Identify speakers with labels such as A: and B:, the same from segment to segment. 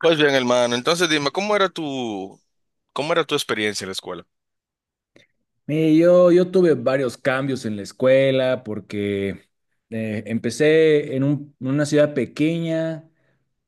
A: Pues bien, hermano, entonces dime, ¿cómo era cómo era tu experiencia en la escuela?
B: Yo, yo tuve varios cambios en la escuela porque empecé en en una ciudad pequeña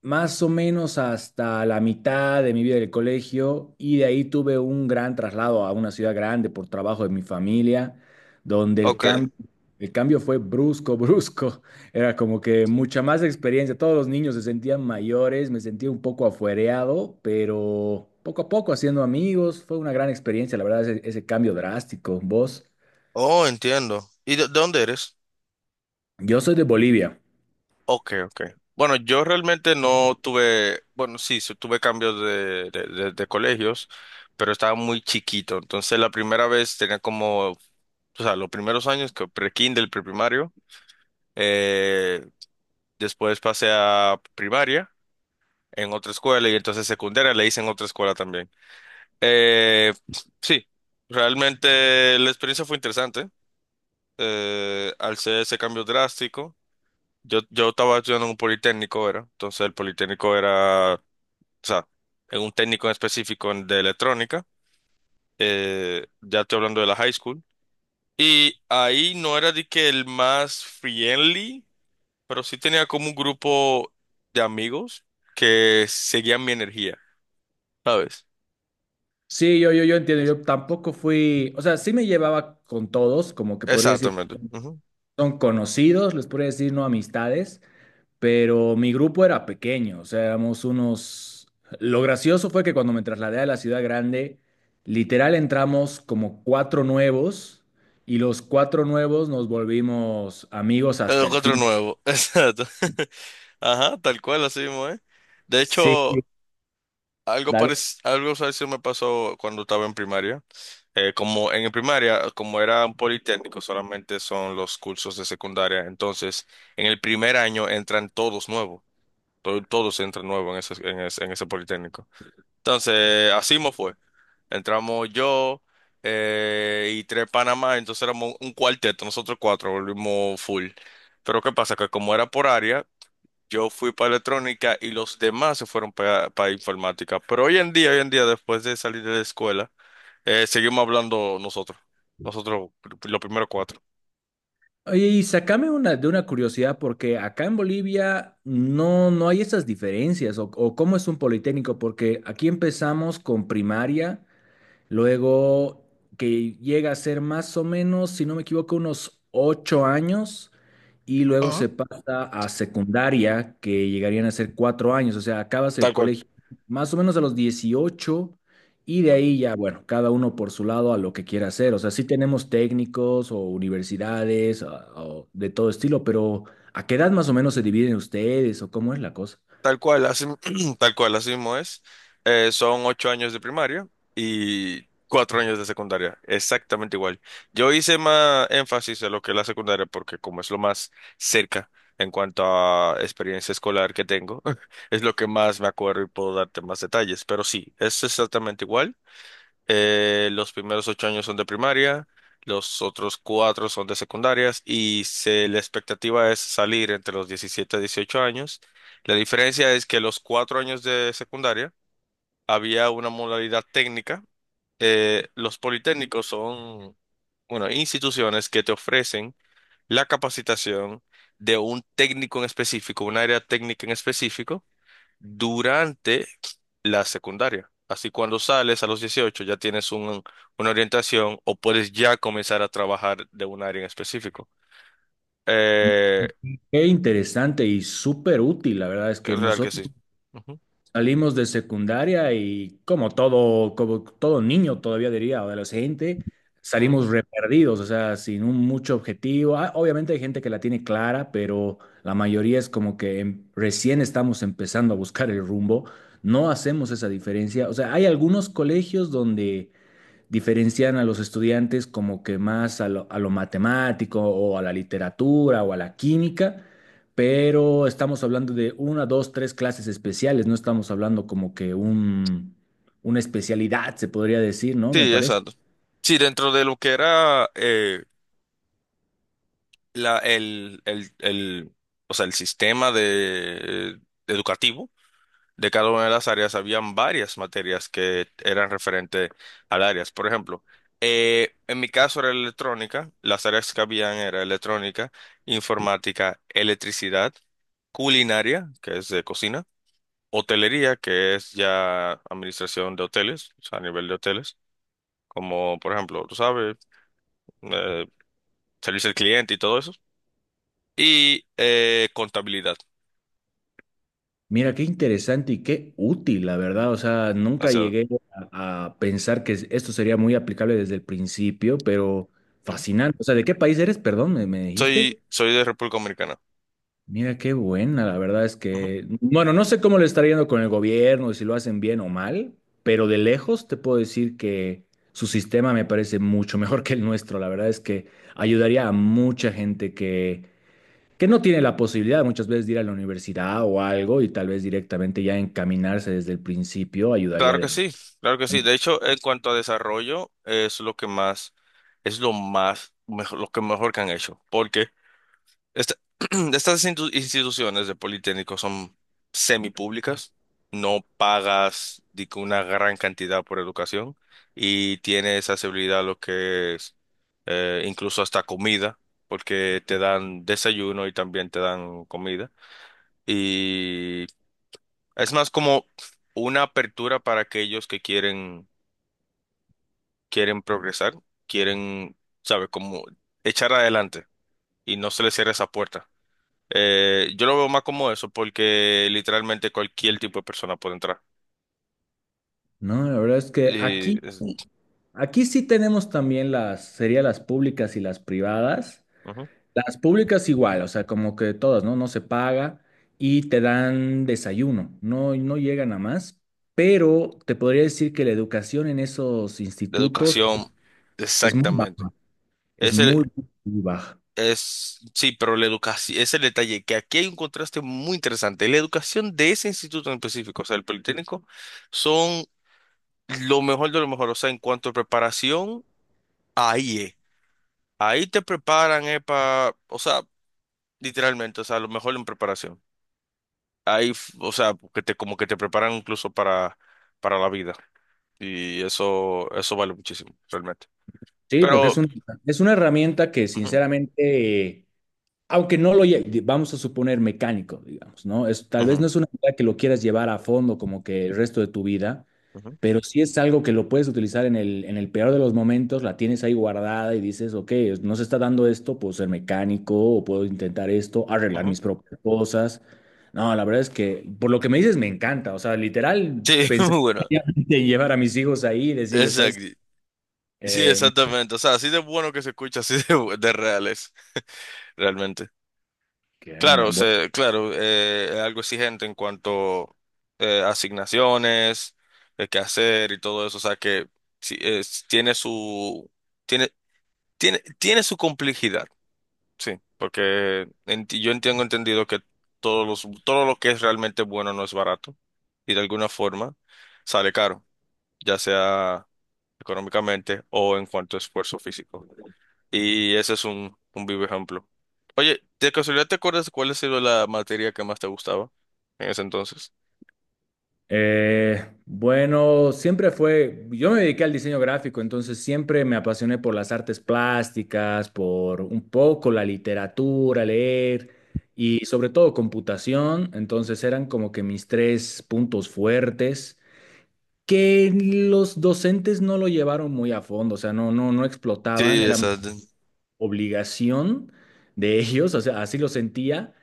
B: más o menos hasta la mitad de mi vida del colegio y de ahí tuve un gran traslado a una ciudad grande por trabajo de mi familia, donde
A: Ok.
B: el cambio fue brusco, brusco. Era como que mucha más experiencia. Todos los niños se sentían mayores, me sentía un poco afuereado, pero poco a poco haciendo amigos. Fue una gran experiencia, la verdad, ese cambio drástico. ¿Vos?
A: Oh, entiendo. ¿Y de dónde eres?
B: Yo soy de Bolivia.
A: Ok, ok. Bueno, yo realmente no tuve, bueno, sí, sí tuve cambios de colegios, pero estaba muy chiquito. Entonces la primera vez tenía como, o sea, los primeros años que pre-kinder, preprimario. eh, Después pasé a primaria en otra escuela y entonces secundaria le hice en otra escuela también. Eh, sí, realmente la experiencia fue interesante. Al ser ese cambio drástico, yo estaba estudiando en un politécnico, era. Entonces el politécnico era, o sea, en un técnico en específico de electrónica. Ya estoy hablando de la high school. Y ahí no era de que el más friendly, pero sí tenía como un grupo de amigos que seguían mi energía, ¿sabes?
B: Sí, yo entiendo, yo tampoco fui, o sea, sí me llevaba con todos, como que podría decir.
A: Exactamente. Ujú.
B: Son conocidos, les podría decir no amistades, pero mi grupo era pequeño, o sea, éramos unos... Lo gracioso fue que cuando me trasladé a la ciudad grande, literal entramos como cuatro nuevos y los cuatro nuevos nos volvimos amigos
A: El
B: hasta el
A: otro
B: fin.
A: nuevo, exacto. Ajá, tal cual, así mismo, ¿eh? De
B: Sí,
A: hecho,
B: dale.
A: algo parecido me pasó cuando estaba en primaria. Como en primaria, como era un politécnico, solamente son los cursos de secundaria. Entonces, en el primer año entran todos nuevos. Todos entran nuevos en ese politécnico. Entonces, así me fue. Entramos yo y tres Panamá, entonces éramos un cuarteto, nosotros cuatro volvimos full. Pero ¿qué pasa? Que como era por área, yo fui para electrónica y los demás se fueron para informática. Pero hoy en día, después de salir de la escuela, seguimos hablando nosotros. Nosotros, los primeros cuatro.
B: Oye, y sacame una, de una curiosidad, porque acá en Bolivia no hay esas diferencias, o cómo es un politécnico, porque aquí empezamos con primaria. Luego, que llega a ser más o menos, si no me equivoco, unos 8 años. Y luego
A: Ajá.
B: se pasa a secundaria, que llegarían a ser 4 años. O sea, acabas el
A: Tal cual.
B: colegio más o menos a los 18. Y de ahí ya, bueno, cada uno por su lado a lo que quiera hacer. O sea, sí tenemos técnicos o universidades o de todo estilo, pero ¿a qué edad más o menos se dividen ustedes o cómo es la cosa?
A: Tal cual, así, tal cual, así mismo es. Son 8 años de primaria y 4 años de secundaria, exactamente igual. Yo hice más énfasis en lo que es la secundaria porque como es lo más cerca en cuanto a experiencia escolar que tengo, es lo que más me acuerdo y puedo darte más detalles. Pero sí, es exactamente igual. Los primeros 8 años son de primaria, los otros 4 son de secundarias y la expectativa es salir entre los 17 y 18 años. La diferencia es que los 4 años de secundaria había una modalidad técnica. Los politécnicos son, bueno, instituciones que te ofrecen la capacitación de un técnico en específico, un área técnica en específico durante la secundaria. Así cuando sales a los 18 ya tienes una orientación o puedes ya comenzar a trabajar de un área en específico. Eh,
B: Qué interesante y súper útil, la verdad es que
A: Real que
B: nosotros
A: sí. Ujú.
B: salimos de secundaria y como todo niño todavía diría, o adolescente, salimos
A: Ujú.
B: re perdidos, o sea, sin un mucho objetivo. Ah, obviamente hay gente que la tiene clara, pero la mayoría es como que recién estamos empezando a buscar el rumbo, no hacemos esa diferencia. O sea, hay algunos colegios donde diferencian a los estudiantes como que más a a lo matemático o a la literatura o a la química, pero estamos hablando de una, dos, tres clases especiales, no estamos hablando como que una especialidad, se podría decir, ¿no? Me
A: Sí,
B: parece.
A: exacto. Sí, dentro de lo que era la, el, o sea, el sistema educativo. De cada una de las áreas habían varias materias que eran referentes al áreas. Por ejemplo, en mi caso era electrónica, las áreas que habían era electrónica, informática, electricidad, culinaria, que es de cocina, hotelería, que es ya administración de hoteles, o sea, a nivel de hoteles, como por ejemplo, tú sabes, eh, servicio al cliente y todo eso, y contabilidad.
B: Mira, qué interesante y qué útil, la verdad. O sea,
A: O
B: nunca
A: sea,
B: llegué a pensar que esto sería muy aplicable desde el principio, pero
A: ujú.
B: fascinante. O sea, ¿de qué país eres? Perdón, me dijiste?
A: Soy, soy de República Dominicana.
B: Mira, qué buena, la verdad es que, bueno, no sé cómo le está yendo con el gobierno, si lo hacen bien o mal, pero de lejos te puedo decir que su sistema me parece mucho mejor que el nuestro. La verdad es que ayudaría a mucha gente que no tiene la posibilidad muchas veces de ir a la universidad o algo y tal vez directamente ya encaminarse desde el principio ayudaría
A: Claro que
B: de...
A: sí, claro que sí. De hecho, en cuanto a desarrollo, es lo que más, es lo más, mejor, lo que mejor que han hecho. Porque esta- estas instituciones de Politécnico son semipúblicas, no pagas di que una gran cantidad por educación y tienes accesibilidad a lo que es incluso hasta comida, porque te dan desayuno y también te dan comida. Y es más como una apertura para aquellos que quieren quieren progresar, quieren, ¿sabes?, como echar adelante y no se les cierra esa puerta. Yo lo veo más como eso porque literalmente cualquier tipo de persona puede entrar.
B: No, la verdad es que
A: Y es-
B: aquí sí tenemos también las, sería las públicas y las privadas.
A: Ujú.
B: Las públicas igual, o sea, como que todas, ¿no? No se paga y te dan desayuno, no llegan a más, pero te podría decir que la educación en esos
A: La
B: institutos
A: educación,
B: es muy
A: exactamente.
B: baja, es muy,
A: Ese
B: muy baja.
A: es, sí, pero la educación, ese es el detalle, que aquí hay un contraste muy interesante. La educación de ese instituto en específico, o sea, el Politécnico, son lo mejor de lo mejor, o sea, en cuanto a preparación, ahí es. Ahí te preparan, para, o sea, literalmente, o sea, a lo mejor en preparación. Ahí, o sea, que te, como que te preparan incluso para la vida. Y eso vale muchísimo, realmente.
B: Sí, porque es
A: Pero,
B: es una herramienta que
A: ujú,
B: sinceramente, aunque no vamos a suponer mecánico, digamos, ¿no? Es, tal vez no
A: ujú,
B: es una idea que lo quieras llevar a fondo como que el resto de tu vida.
A: ujú,
B: Pero sí es algo que lo puedes utilizar en en el peor de los momentos, la tienes ahí guardada y dices, ok, no se está dando esto, puedo ser mecánico o puedo intentar esto, arreglar
A: ujú.
B: mis propias cosas. No, la verdad es que por lo que me dices me encanta. O sea, literal,
A: Sí,
B: pensar
A: muy bueno.
B: seriamente en llevar a mis hijos ahí y decirles, ¿sabes?
A: Exacto. Sí,
B: No,
A: exactamente. O sea, así de bueno que se escucha, así de, de real es, realmente.
B: que me
A: Claro,
B: han
A: se claro, es algo exigente en cuanto asignaciones, de qué hacer y todo eso. O sea, que sí, tiene su... Tiene, tiene su complejidad, sí, porque yo entiendo entendido que todo lo que es realmente bueno no es barato y de alguna forma sale caro, ya sea económicamente o en cuanto a esfuerzo físico. Y ese es un vivo ejemplo. Oye, ¿de casualidad te acuerdas cuál ha sido la materia que más te gustaba en ese entonces?
B: Bueno, siempre fue, yo me dediqué al diseño gráfico, entonces siempre me apasioné por las artes plásticas, por un poco la literatura, leer y sobre todo computación, entonces eran como que mis tres puntos fuertes que los docentes no lo llevaron muy a fondo, o sea, no explotaban,
A: Sí,
B: era
A: exacto.
B: obligación de ellos, o sea, así lo sentía,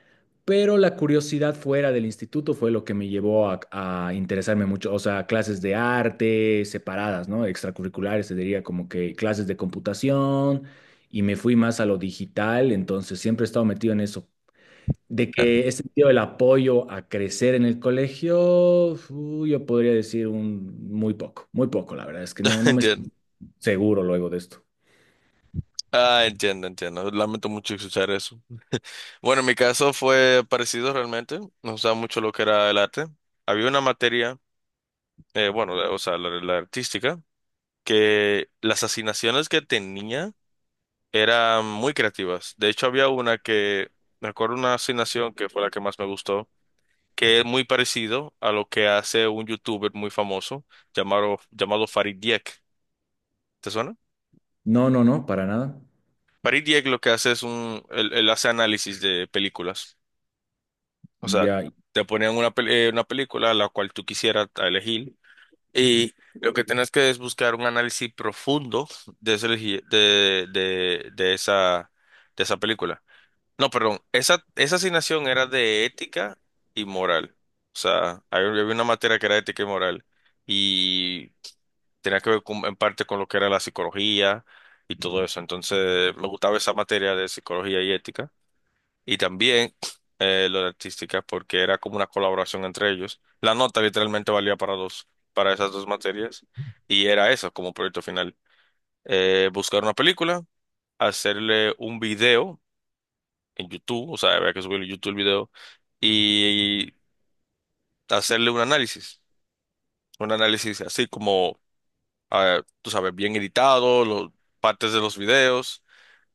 B: pero la curiosidad fuera del instituto fue lo que me llevó a interesarme mucho, o sea, clases de arte separadas, ¿no? Extracurriculares, se diría como que clases de computación, y me fui más a lo digital, entonces siempre he estado metido en eso. De que he sentido el apoyo a crecer en el colegio, yo podría decir un muy poco, la verdad es que no me
A: Entiendo.
B: siento seguro luego de esto.
A: Ah, entiendo, entiendo. Lamento mucho escuchar eso. Bueno, en mi caso fue parecido realmente. Nos gustaba mucho lo que era el arte. Había una materia, bueno, o sea, la artística, que las asignaciones que tenía eran muy creativas. De hecho, había una que, me acuerdo una asignación que fue la que más me gustó, que es muy parecido a lo que hace un youtuber muy famoso llamado Farid Dieck. ¿Te suena?
B: No, no, no, para nada.
A: Farid Dieck lo que hace es un, él hace análisis de películas. O sea,
B: Ya,
A: te ponían una, una película a la cual tú quisieras elegir y lo que tienes que es buscar un análisis profundo de, ese elegi- de esa película. No, perdón, esa asignación era de ética y moral. O sea, había una materia que era ética y moral y tenía que ver en parte con lo que era la psicología y todo eso. Entonces, me gustaba esa materia de psicología y ética y también lo de artística, porque era como una colaboración entre ellos. La nota literalmente valía para dos, para esas dos materias, y era eso como proyecto final. Buscar una película, hacerle un video en YouTube, o sea, había que subirle a YouTube el video, y hacerle un análisis así como, ah, tú sabes, bien editado, los, partes de los videos.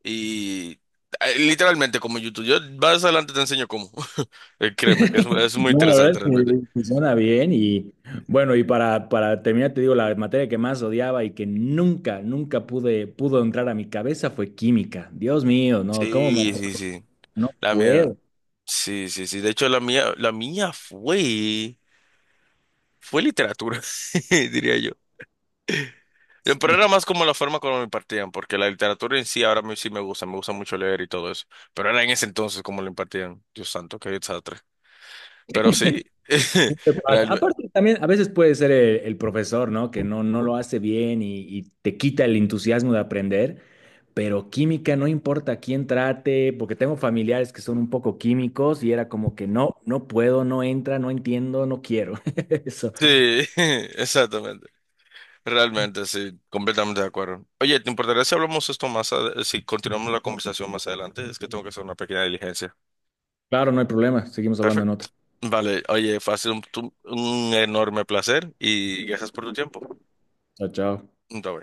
A: Y literalmente como YouTube. Yo más adelante te enseño cómo. Créeme, que es muy
B: no, la verdad es
A: interesante realmente.
B: que suena bien y bueno, y para terminar, te digo, la materia que más odiaba y que nunca pudo entrar a mi cabeza fue química. Dios mío, no, ¿cómo me...
A: Sí, sí, sí.
B: No
A: La mía,
B: puedo.
A: sí, sí, sí. De hecho, la mía fue, fue literatura, diría yo. Pero era
B: Sí,
A: más como la forma como me impartían, porque la literatura en sí ahora sí me gusta mucho leer y todo eso. Pero era en ese entonces como lo impartían. Dios santo, qué desastre. Pero sí,
B: siempre pasa.
A: realmente.
B: Aparte, también a veces puede ser el profesor, ¿no? Que no lo hace bien y te quita el entusiasmo de aprender, pero química no importa quién trate, porque tengo familiares que son un poco químicos y era como que no puedo, no entra, no entiendo, no quiero. Eso.
A: Sí, exactamente. Realmente, sí, completamente de acuerdo. Oye, ¿te importaría si hablamos esto más, si continuamos la conversación más adelante? Es que tengo que hacer una pequeña diligencia.
B: Claro, no hay problema. Seguimos hablando en
A: Perfecto.
B: otra.
A: Vale, oye, fue ha sido un enorme placer y gracias por tu tiempo.
B: Chao, chao.
A: Bye, bye.